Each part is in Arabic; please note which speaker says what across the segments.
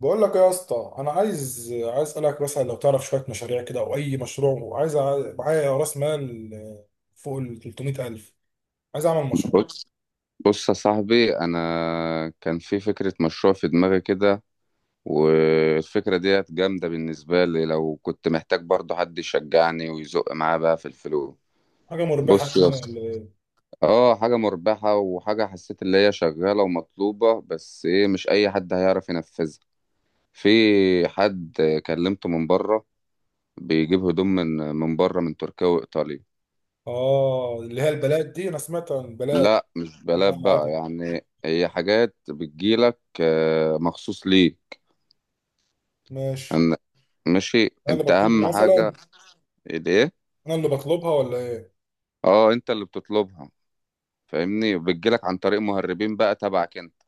Speaker 1: بقول لك ايه يا اسطى، انا عايز اسالك مثلا لو تعرف شويه مشاريع كده او اي مشروع، وعايز معايا راس مال فوق ال 300000. عايز اعمل مشروع.
Speaker 2: بص بص يا صاحبي، انا كان في فكره مشروع في دماغي كده، والفكره ديت جامده بالنسبه لي، لو كنت محتاج برضه حد يشجعني ويزق معاه بقى في الفلوس.
Speaker 1: حاجه مربحه
Speaker 2: بص يا
Speaker 1: يعني
Speaker 2: اسطى،
Speaker 1: ولا ايه؟
Speaker 2: اه حاجه مربحه وحاجه حسيت اللي هي شغاله ومطلوبه، بس ايه؟ مش اي حد هيعرف ينفذها. في حد كلمته من بره بيجيب هدوم من بره، من تركيا وايطاليا.
Speaker 1: اه، اللي هي البلاد دي، انا سمعت عن البلاد.
Speaker 2: لا مش بلاد
Speaker 1: بقى
Speaker 2: بقى،
Speaker 1: العتبة.
Speaker 2: يعني هي حاجات بتجيلك مخصوص ليه.
Speaker 1: ماشي.
Speaker 2: أن- ماشي،
Speaker 1: انا اللي
Speaker 2: انت اهم
Speaker 1: بطلبها
Speaker 2: حاجه.
Speaker 1: مثلا؟
Speaker 2: الايه؟
Speaker 1: انا اللي بطلبها ولا ايه؟
Speaker 2: اه انت اللي بتطلبها، فاهمني، وبتجيلك عن طريق مهربين بقى تبعك انت.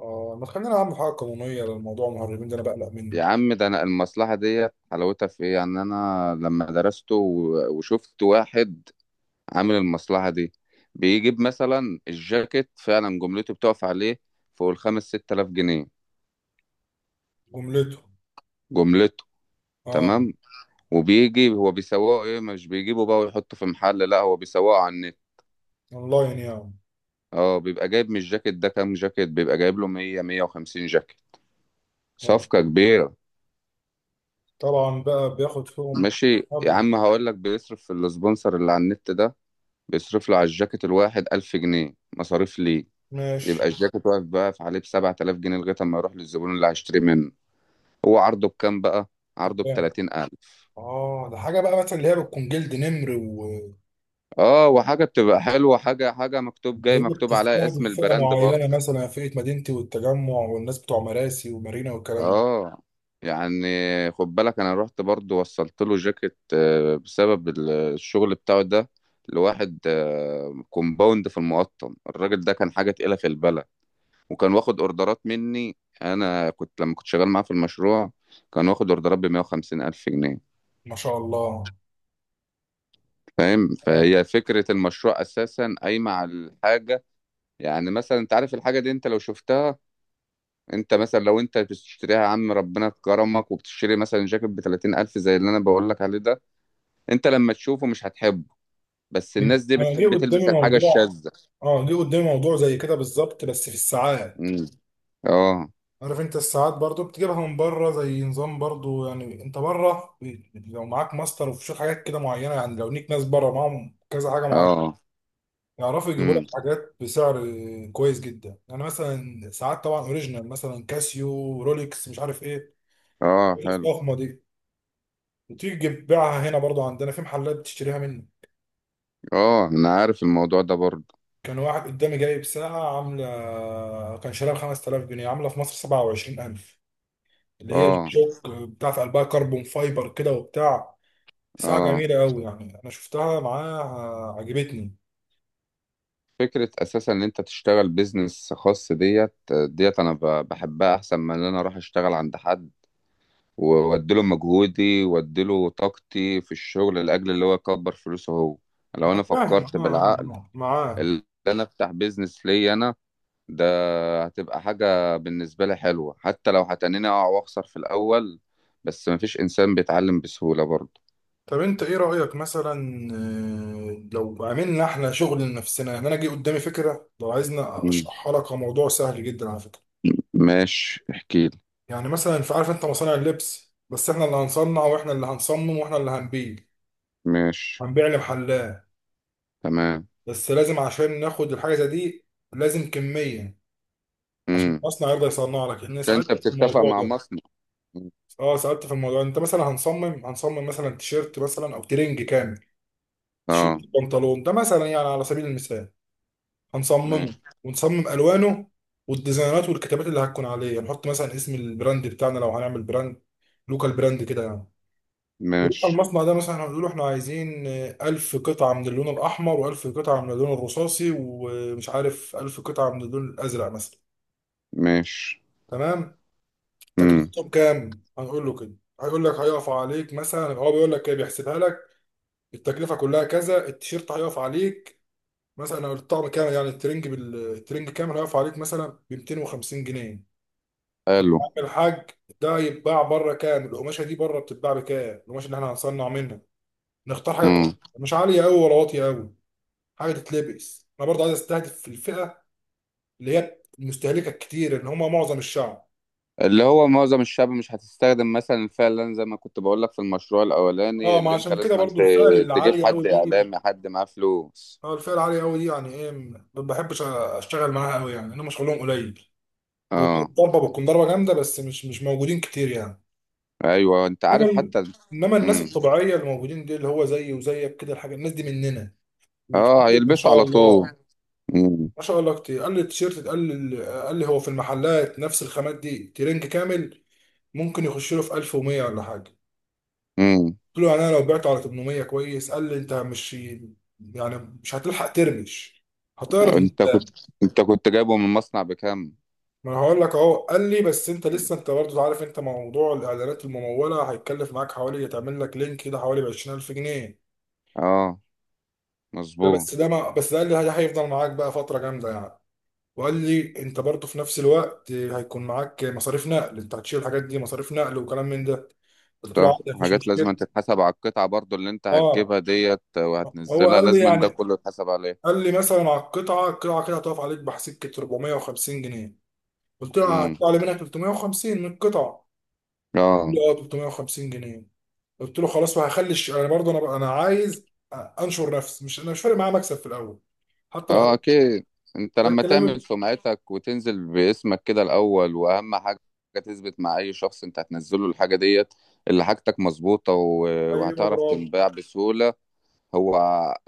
Speaker 1: اه، ما تخلينا اعمل حاجه قانونيه للموضوع. المهربين ده انا بقلق منه.
Speaker 2: يا عم ده انا المصلحه ديت حلاوتها في ايه؟ يعني انا لما درسته وشفت واحد عامل المصلحه دي، بيجيب مثلا الجاكيت فعلا جملته بتقف عليه فوق الخمس ست الاف جنيه.
Speaker 1: جملته؟
Speaker 2: جملته،
Speaker 1: اه.
Speaker 2: تمام. وبيجي هو بيسوقه، ايه مش بيجيبه بقى ويحطه في محل، لا هو بيسوقه عنه.
Speaker 1: اونلاين يعني؟
Speaker 2: اه، بيبقى جايب من الجاكيت ده كام جاكيت؟ بيبقى جايب له 100 150 جاكيت،
Speaker 1: آه.
Speaker 2: صفقة كبيرة.
Speaker 1: طبعا بقى بياخد فيهم
Speaker 2: ماشي. يا
Speaker 1: مبلغ.
Speaker 2: عم هقول لك، بيصرف في السبونسر اللي على النت ده، بيصرف له على الجاكيت الواحد 1000 جنيه مصاريف ليه. يبقى
Speaker 1: ماشي.
Speaker 2: الجاكيت واقف بقى في عليه ب 7000 جنيه لغاية ما يروح للزبون اللي هيشتري منه. هو عرضه بكام بقى؟ عرضه ب 30000.
Speaker 1: اه، ده حاجه بقى مثلا اللي هي بتكون جلد نمر، وهي
Speaker 2: اه وحاجة بتبقى حلوة، حاجة حاجة مكتوب جاي مكتوب عليها اسم
Speaker 1: بتستهدف فئه
Speaker 2: البراند برضه.
Speaker 1: معينه، مثلا فئه مدينتي والتجمع والناس بتوع مراسي ومارينا والكلام ده.
Speaker 2: اه، يعني خد بالك، انا رحت برضو وصلت له جاكيت بسبب الشغل بتاعه ده لواحد كومباوند في المقطم. الراجل ده كان حاجة تقيلة في البلد، وكان واخد اوردرات مني، انا كنت لما كنت شغال معاه في المشروع كان واخد اوردرات ب 150 الف جنيه.
Speaker 1: ما شاء الله.
Speaker 2: فاهم؟
Speaker 1: آه.
Speaker 2: فهي فكرة المشروع اساسا قايمة على الحاجة. يعني مثلا انت عارف الحاجة دي، انت لو شفتها، انت مثلا لو انت بتشتريها يا عم، ربنا كرمك، وبتشتري مثلا جاكيت ب 30000 زي اللي انا بقول لك عليه ده، انت لما تشوفه مش هتحبه، بس الناس دي
Speaker 1: انا جه
Speaker 2: بتحب
Speaker 1: قدامي
Speaker 2: تلبس الحاجة
Speaker 1: موضوع،
Speaker 2: الشاذة.
Speaker 1: اه جه قدامي موضوع زي كده بالظبط بس في الساعات.
Speaker 2: امم اه.
Speaker 1: عارف انت الساعات برضو بتجيبها من بره زي نظام، برضو يعني انت بره لو معاك ماستر وفي شوية حاجات كده معينه، يعني لو ليك ناس بره معاهم كذا حاجه معينه
Speaker 2: اه.
Speaker 1: يعرفوا يجيبوا لك
Speaker 2: امم
Speaker 1: حاجات بسعر كويس جدا، يعني مثلا ساعات طبعا اوريجينال، مثلا كاسيو، رولكس، مش عارف ايه،
Speaker 2: اه، حلو.
Speaker 1: الفخمه دي، وتيجي تبيعها هنا. برضو عندنا في محلات بتشتريها منه.
Speaker 2: اه انا عارف الموضوع ده برضه.
Speaker 1: كان واحد قدامي جايب ساعة عاملة، كان شاريها ب 5000 جنيه، عاملة في مصر 27000، اللي هي جي
Speaker 2: اه.
Speaker 1: شوك بتاعت قلبها كربون فايبر كده وبتاع. ساعة
Speaker 2: اه
Speaker 1: جميلة قوي يعني، أنا شفتها معاها، عجبتني.
Speaker 2: فكرة اساسا ان انت تشتغل بيزنس خاص، ديت ديت انا بحبها احسن من ان انا اروح اشتغل عند حد، واديله مجهودي واديله طاقتي في الشغل لاجل اللي هو يكبر فلوسه هو. لو
Speaker 1: أنا
Speaker 2: انا
Speaker 1: فاهم
Speaker 2: فكرت بالعقل،
Speaker 1: معاك.
Speaker 2: اللي انا افتح بيزنس ليا انا ده، هتبقى حاجة بالنسبة لي حلوة، حتى لو هتنيني اقع واخسر في الاول، بس مفيش انسان بيتعلم بسهولة برضه.
Speaker 1: طب انت ايه رأيك مثلا لو عملنا احنا شغل لنفسنا؟ يعني انا جه قدامي فكرة، لو عايزنا
Speaker 2: مم.
Speaker 1: اشرحها لك، كموضوع سهل جدا على فكرة.
Speaker 2: ماشي احكيلي.
Speaker 1: يعني مثلا في، عارف انت مصانع اللبس، بس احنا اللي هنصنع واحنا اللي هنصمم واحنا اللي هنبيع.
Speaker 2: ماشي.
Speaker 1: هنبيع لمحلات.
Speaker 2: تمام.
Speaker 1: بس لازم عشان ناخد الحاجة زي دي لازم كمية، عشان
Speaker 2: امم
Speaker 1: المصنع يرضى يصنع لك. لان سألت
Speaker 2: انت
Speaker 1: في
Speaker 2: بتتفق
Speaker 1: الموضوع
Speaker 2: مع
Speaker 1: ده،
Speaker 2: مصنع. مم.
Speaker 1: اه سألت في الموضوع. انت مثلا هنصمم، هنصمم مثلا تيشيرت مثلا او ترنج كامل، تيشيرت،
Speaker 2: اه.
Speaker 1: بنطلون، ده مثلا يعني على سبيل المثال. هنصممه
Speaker 2: ماشي.
Speaker 1: ونصمم الوانه والديزاينات والكتابات اللي هتكون عليه. هنحط مثلا اسم البراند بتاعنا لو هنعمل براند، لوكال براند كده يعني. ونروح
Speaker 2: ماشي.
Speaker 1: المصنع ده مثلا، هنقول له احنا عايزين ألف قطعة من اللون الأحمر و1000 قطعة من اللون الرصاصي، ومش عارف ألف قطعة من اللون الأزرق مثلا.
Speaker 2: ماشي.
Speaker 1: تمام.
Speaker 2: امم
Speaker 1: تكلفتهم كام؟ هنقول له كده. هيقول لك هيقف عليك مثلا، هو بيقول لك كده، بيحسبها لك. التكلفة كلها كذا. التيشيرت هيقف عليك مثلا، أو الطقم كام، يعني الترنج الترنج كام هيقف عليك، مثلا ب 250 جنيه. طب يا
Speaker 2: حلو.
Speaker 1: عم الحاج، ده يتباع بره كام؟ القماشه دي بره بتتباع بكام؟ القماشه اللي احنا هنصنع منها نختار حاجه
Speaker 2: مم.
Speaker 1: كويسة، مش عاليه قوي ولا واطيه قوي. حاجه تتلبس، انا برضه عايز استهدف في الفئه اللي هي المستهلكه الكتير، اللي هم معظم الشعب.
Speaker 2: اللي هو معظم الشعب مش هتستخدم مثلا، فعلا زي ما كنت بقول لك في المشروع الاولاني
Speaker 1: اه، ما
Speaker 2: اللي انت
Speaker 1: عشان كده
Speaker 2: لازم انت
Speaker 1: برضه الفئه العاليه
Speaker 2: تجيب
Speaker 1: قوي
Speaker 2: حد
Speaker 1: دي،
Speaker 2: اعلامي، حد معاه فلوس.
Speaker 1: اه الفئه العاليه قوي دي يعني ايه، ما بحبش اشتغل معاها قوي، يعني هم شغلهم قليل، او
Speaker 2: اه.
Speaker 1: ضربه بتكون ضربه جامده، بس مش موجودين كتير يعني.
Speaker 2: ايوه انت
Speaker 1: انما
Speaker 2: عارف
Speaker 1: ال-
Speaker 2: حتى.
Speaker 1: انما الناس
Speaker 2: امم
Speaker 1: الطبيعيه اللي موجودين دي، اللي هو زيي وزيك كده، الحاجه الناس دي مننا
Speaker 2: اه،
Speaker 1: وكتير ما
Speaker 2: هيلبسوا
Speaker 1: شاء
Speaker 2: على
Speaker 1: الله.
Speaker 2: طول. امم
Speaker 1: ما شاء الله كتير. قال لي التيشيرت، قال لي هو في المحلات نفس الخامات دي ترنج كامل ممكن يخش له في 1100 ولا حاجه.
Speaker 2: امم
Speaker 1: قلت له يعني انا لو بعته على 800 كويس؟ قال لي انت مش يعني، مش هتلحق ترمش، هتعرض
Speaker 2: انت كنت،
Speaker 1: قدام.
Speaker 2: انت كنت جايبه من مصنع بكام؟
Speaker 1: ما انا هقول لك اهو. قال لي بس انت لسه، انت برضه عارف انت موضوع الاعلانات المموله، هيتكلف معاك حوالي، تعمل لك لينك كده حوالي ب 20000 جنيه.
Speaker 2: اه،
Speaker 1: ده
Speaker 2: مظبوط.
Speaker 1: بس، ده ما بس ده قال لي ده هيفضل معاك بقى فتره جامده يعني. وقال لي انت برضه في نفس الوقت هيكون معاك مصاريف نقل، انت هتشيل الحاجات دي مصاريف نقل وكلام من ده. قلت له
Speaker 2: صح.
Speaker 1: عادي مفيش
Speaker 2: حاجات لازم
Speaker 1: مشكله.
Speaker 2: أن تتحسب على القطعة برضو، اللي انت
Speaker 1: اه،
Speaker 2: هتجيبها ديت
Speaker 1: هو
Speaker 2: وهتنزلها،
Speaker 1: قال لي
Speaker 2: لازم أن ده
Speaker 1: يعني،
Speaker 2: كله يتحسب عليه.
Speaker 1: قال لي مثلا على القطعه، القطعه كده هتقف عليك بحسكه 450 جنيه. قلت له
Speaker 2: امم
Speaker 1: هتطلع لي منها 350 من القطعه؟ قال
Speaker 2: اه.
Speaker 1: لي اه 350 جنيه. قلت له خلاص. انا برضه، انا عايز انشر نفسي، مش، انا مش فارق معايا مكسب في الاول، حتى لو
Speaker 2: اه
Speaker 1: حط-
Speaker 2: اكيد. انت
Speaker 1: ده
Speaker 2: لما تعمل
Speaker 1: الكلام.
Speaker 2: سمعتك وتنزل باسمك كده الاول، واهم حاجه تثبت مع اي شخص انت هتنزله الحاجه ديت اللي حاجتك مظبوطه
Speaker 1: ايوه
Speaker 2: وهتعرف
Speaker 1: برافو.
Speaker 2: تنباع بسهوله. هو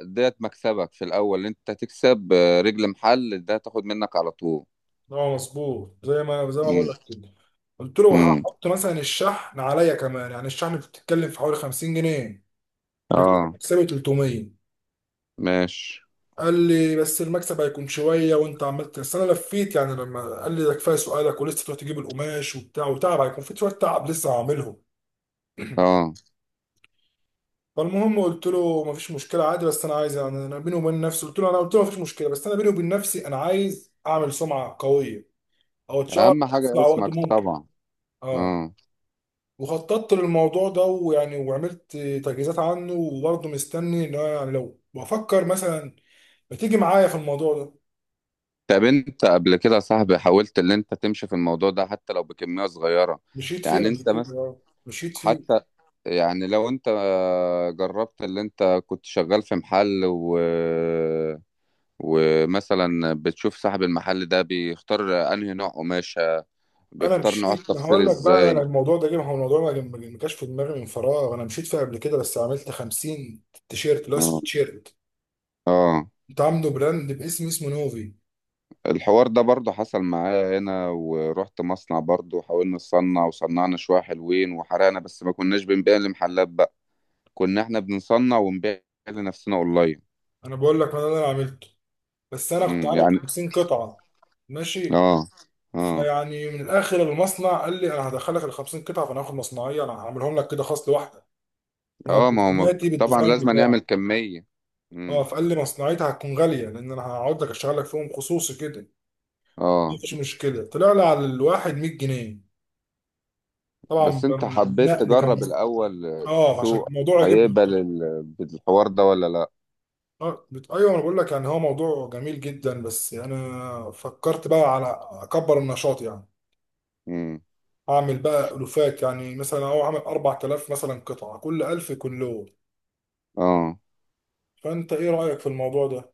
Speaker 2: ديت مكسبك في الاول، انت هتكسب رجل محل ده تاخد منك على طول.
Speaker 1: اه مظبوط زي ما، زي ما بقول
Speaker 2: امم
Speaker 1: لك كده. قلت له
Speaker 2: امم
Speaker 1: هحط مثلا الشحن عليا كمان، يعني الشحن بتتكلم في حوالي 50 جنيه، بكده
Speaker 2: اه.
Speaker 1: مكسبي 300.
Speaker 2: ماشي.
Speaker 1: قال لي بس المكسب هيكون شويه، وانت عملت، بس انا لفيت يعني لما قال لي ده كفايه سؤالك، ولسه تروح تجيب القماش وبتاع، وتعب هيكون في شويه تعب لسه هعملهم.
Speaker 2: اه
Speaker 1: فالمهم قلت له مفيش مشكله عادي، بس انا عايز، يعني انا بيني وبين نفسي، قلت له انا، قلت له مفيش مشكله، بس انا بيني وبين نفسي انا عايز اعمل سمعه قويه، او اتشهر
Speaker 2: اهم
Speaker 1: في
Speaker 2: حاجه
Speaker 1: اسرع وقت
Speaker 2: اسمك
Speaker 1: ممكن.
Speaker 2: طبعا.
Speaker 1: اه،
Speaker 2: اه.
Speaker 1: وخططت للموضوع ده، ويعني وعملت تجهيزات عنه، وبرضه مستني ان انا يعني لو بفكر مثلا ما تيجي معايا في الموضوع ده.
Speaker 2: طب انت قبل كده يا صاحبي حاولت ان انت تمشي في الموضوع ده حتى لو بكميه صغيره؟
Speaker 1: مشيت فيه
Speaker 2: يعني
Speaker 1: قبل
Speaker 2: انت،
Speaker 1: كده مشيت فيه.
Speaker 2: حتى يعني لو انت جربت، اللي انت كنت شغال في محل و... ومثلا بتشوف صاحب المحل ده بيختار انهي نوع قماشة،
Speaker 1: انا
Speaker 2: بيختار نوع
Speaker 1: مشيت، انا
Speaker 2: التفصيل
Speaker 1: هقول لك بقى، انا
Speaker 2: ازاي.
Speaker 1: الموضوع ده جه، ما هو الموضوع ما جاش في دماغي من فراغ، انا مشيت فيه قبل كده، بس عملت 50 تيشيرت اللي هو
Speaker 2: اه.
Speaker 1: سويت شيرت.
Speaker 2: اه.
Speaker 1: كنت عامله براند باسم، اسمه نوفي.
Speaker 2: الحوار ده برضه حصل معايا هنا، ورحت مصنع برضه وحاولنا نصنع، وصنعنا شوية حلوين وحرقنا، بس ما كناش بنبيع لمحلات بقى، كنا احنا بنصنع ونبيع لنفسنا اونلاين.
Speaker 1: انا بقول لك انا اللي انا عملته، بس انا كنت عامل
Speaker 2: يعني.
Speaker 1: 50 قطعه. ماشي.
Speaker 2: اه. اه.
Speaker 1: فيعني من الاخر، المصنع قال لي انا هدخلك ال 50 قطعه، فانا هاخد مصنعيه، انا هعملهم لك كده خاص لوحدك، ما هو
Speaker 2: اه ما هو
Speaker 1: برسوماتي
Speaker 2: طبعا
Speaker 1: بالديزاين
Speaker 2: لازم نعمل
Speaker 1: بتاعه.
Speaker 2: كمية.
Speaker 1: اه،
Speaker 2: امم
Speaker 1: فقال لي مصنعيتها هتكون غاليه، لان انا هقعد لك اشتغل لك فيهم خصوصي كده.
Speaker 2: اه.
Speaker 1: مفيش مشكله. طلع لي على الواحد 100 جنيه طبعا
Speaker 2: بس انت حبيت
Speaker 1: بالنقل كان.
Speaker 2: تجرب الاول
Speaker 1: اه عشان
Speaker 2: السوق
Speaker 1: الموضوع عجبني.
Speaker 2: هيقبل بالحوار ده ولا لا.
Speaker 1: ايوه انا بقول لك، يعني هو موضوع جميل جدا، بس انا فكرت بقى على اكبر النشاط يعني.
Speaker 2: امم
Speaker 1: اعمل بقى الوفات، يعني مثلا اهو عامل 4000 مثلا قطعه، كل 1000 كله.
Speaker 2: اه.
Speaker 1: فانت ايه رايك في الموضوع ده؟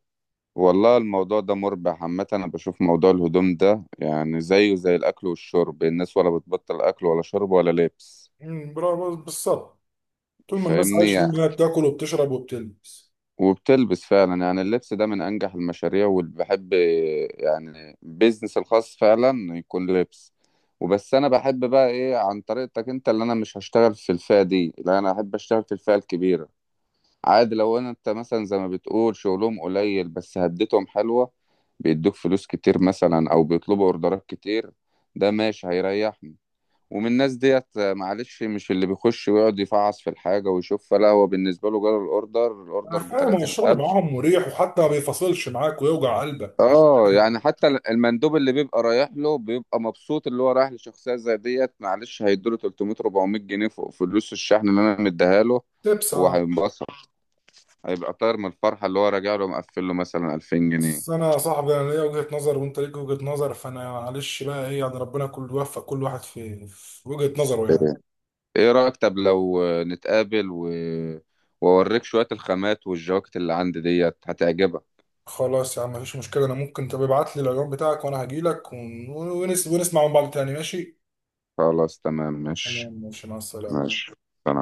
Speaker 2: والله الموضوع ده مربح عامة، انا بشوف موضوع الهدوم ده يعني زيه زي الاكل والشرب، الناس ولا بتبطل اكل ولا شرب ولا لبس.
Speaker 1: برافو، بالظبط. طول ما الناس عايشه،
Speaker 2: فاهمني،
Speaker 1: طول ما هي بتاكل وبتشرب وبتلبس.
Speaker 2: وبتلبس فعلا، يعني اللبس ده من انجح المشاريع واللي بحب، يعني بيزنس الخاص فعلا يكون لبس. وبس انا بحب بقى ايه، عن طريقتك انت، اللي انا مش هشتغل في الفئة دي، لا انا احب اشتغل في الفئة الكبيرة. عادي لو انا، انت مثلا زي ما بتقول شغلهم قليل، بس هدتهم حلوة، بيدوك فلوس كتير مثلا، او بيطلبوا اوردرات كتير، ده ماشي هيريحني. ومن الناس ديت معلش، مش اللي بيخش ويقعد يفعص في الحاجة ويشوف، لا هو بالنسبة له جاله الأوردر،
Speaker 1: انا فاهم، هو
Speaker 2: بتلاتين
Speaker 1: الشغل
Speaker 2: ألف،
Speaker 1: معاهم مريح، وحتى ما بيفصلش معاك ويوجع قلبك.
Speaker 2: اه يعني. حتى المندوب اللي بيبقى رايح له بيبقى مبسوط، اللي هو رايح لشخصيه زي ديت معلش هيدوله 300 400 جنيه فوق فلوس الشحن اللي انا مديها له.
Speaker 1: تبس،
Speaker 2: هو
Speaker 1: اه.
Speaker 2: هينبسط، هيبقى طاير من الفرحه، اللي هو راجع له مقفل له مثلا 2000 جنيه.
Speaker 1: بس انا يا صاحبي انا ليا وجهه نظر، وانت ليك وجهه نظر، فانا معلش بقى ايه، يعني ربنا كل يوفق كل واحد في، في وجهه نظره يعني.
Speaker 2: ايه رايك طب لو نتقابل و... واوريك شويه الخامات والجواكت اللي عندي ديت هتعجبك.
Speaker 1: خلاص يا عم، مفيش مشكله. انا ممكن تبقى ابعت لي العنوان بتاعك، وانا هجيلك ونسمع من بعض تاني. ماشي؟
Speaker 2: خلاص تمام ماشي.
Speaker 1: تمام، ماشي. مع السلامه.
Speaker 2: ماشي. سلام.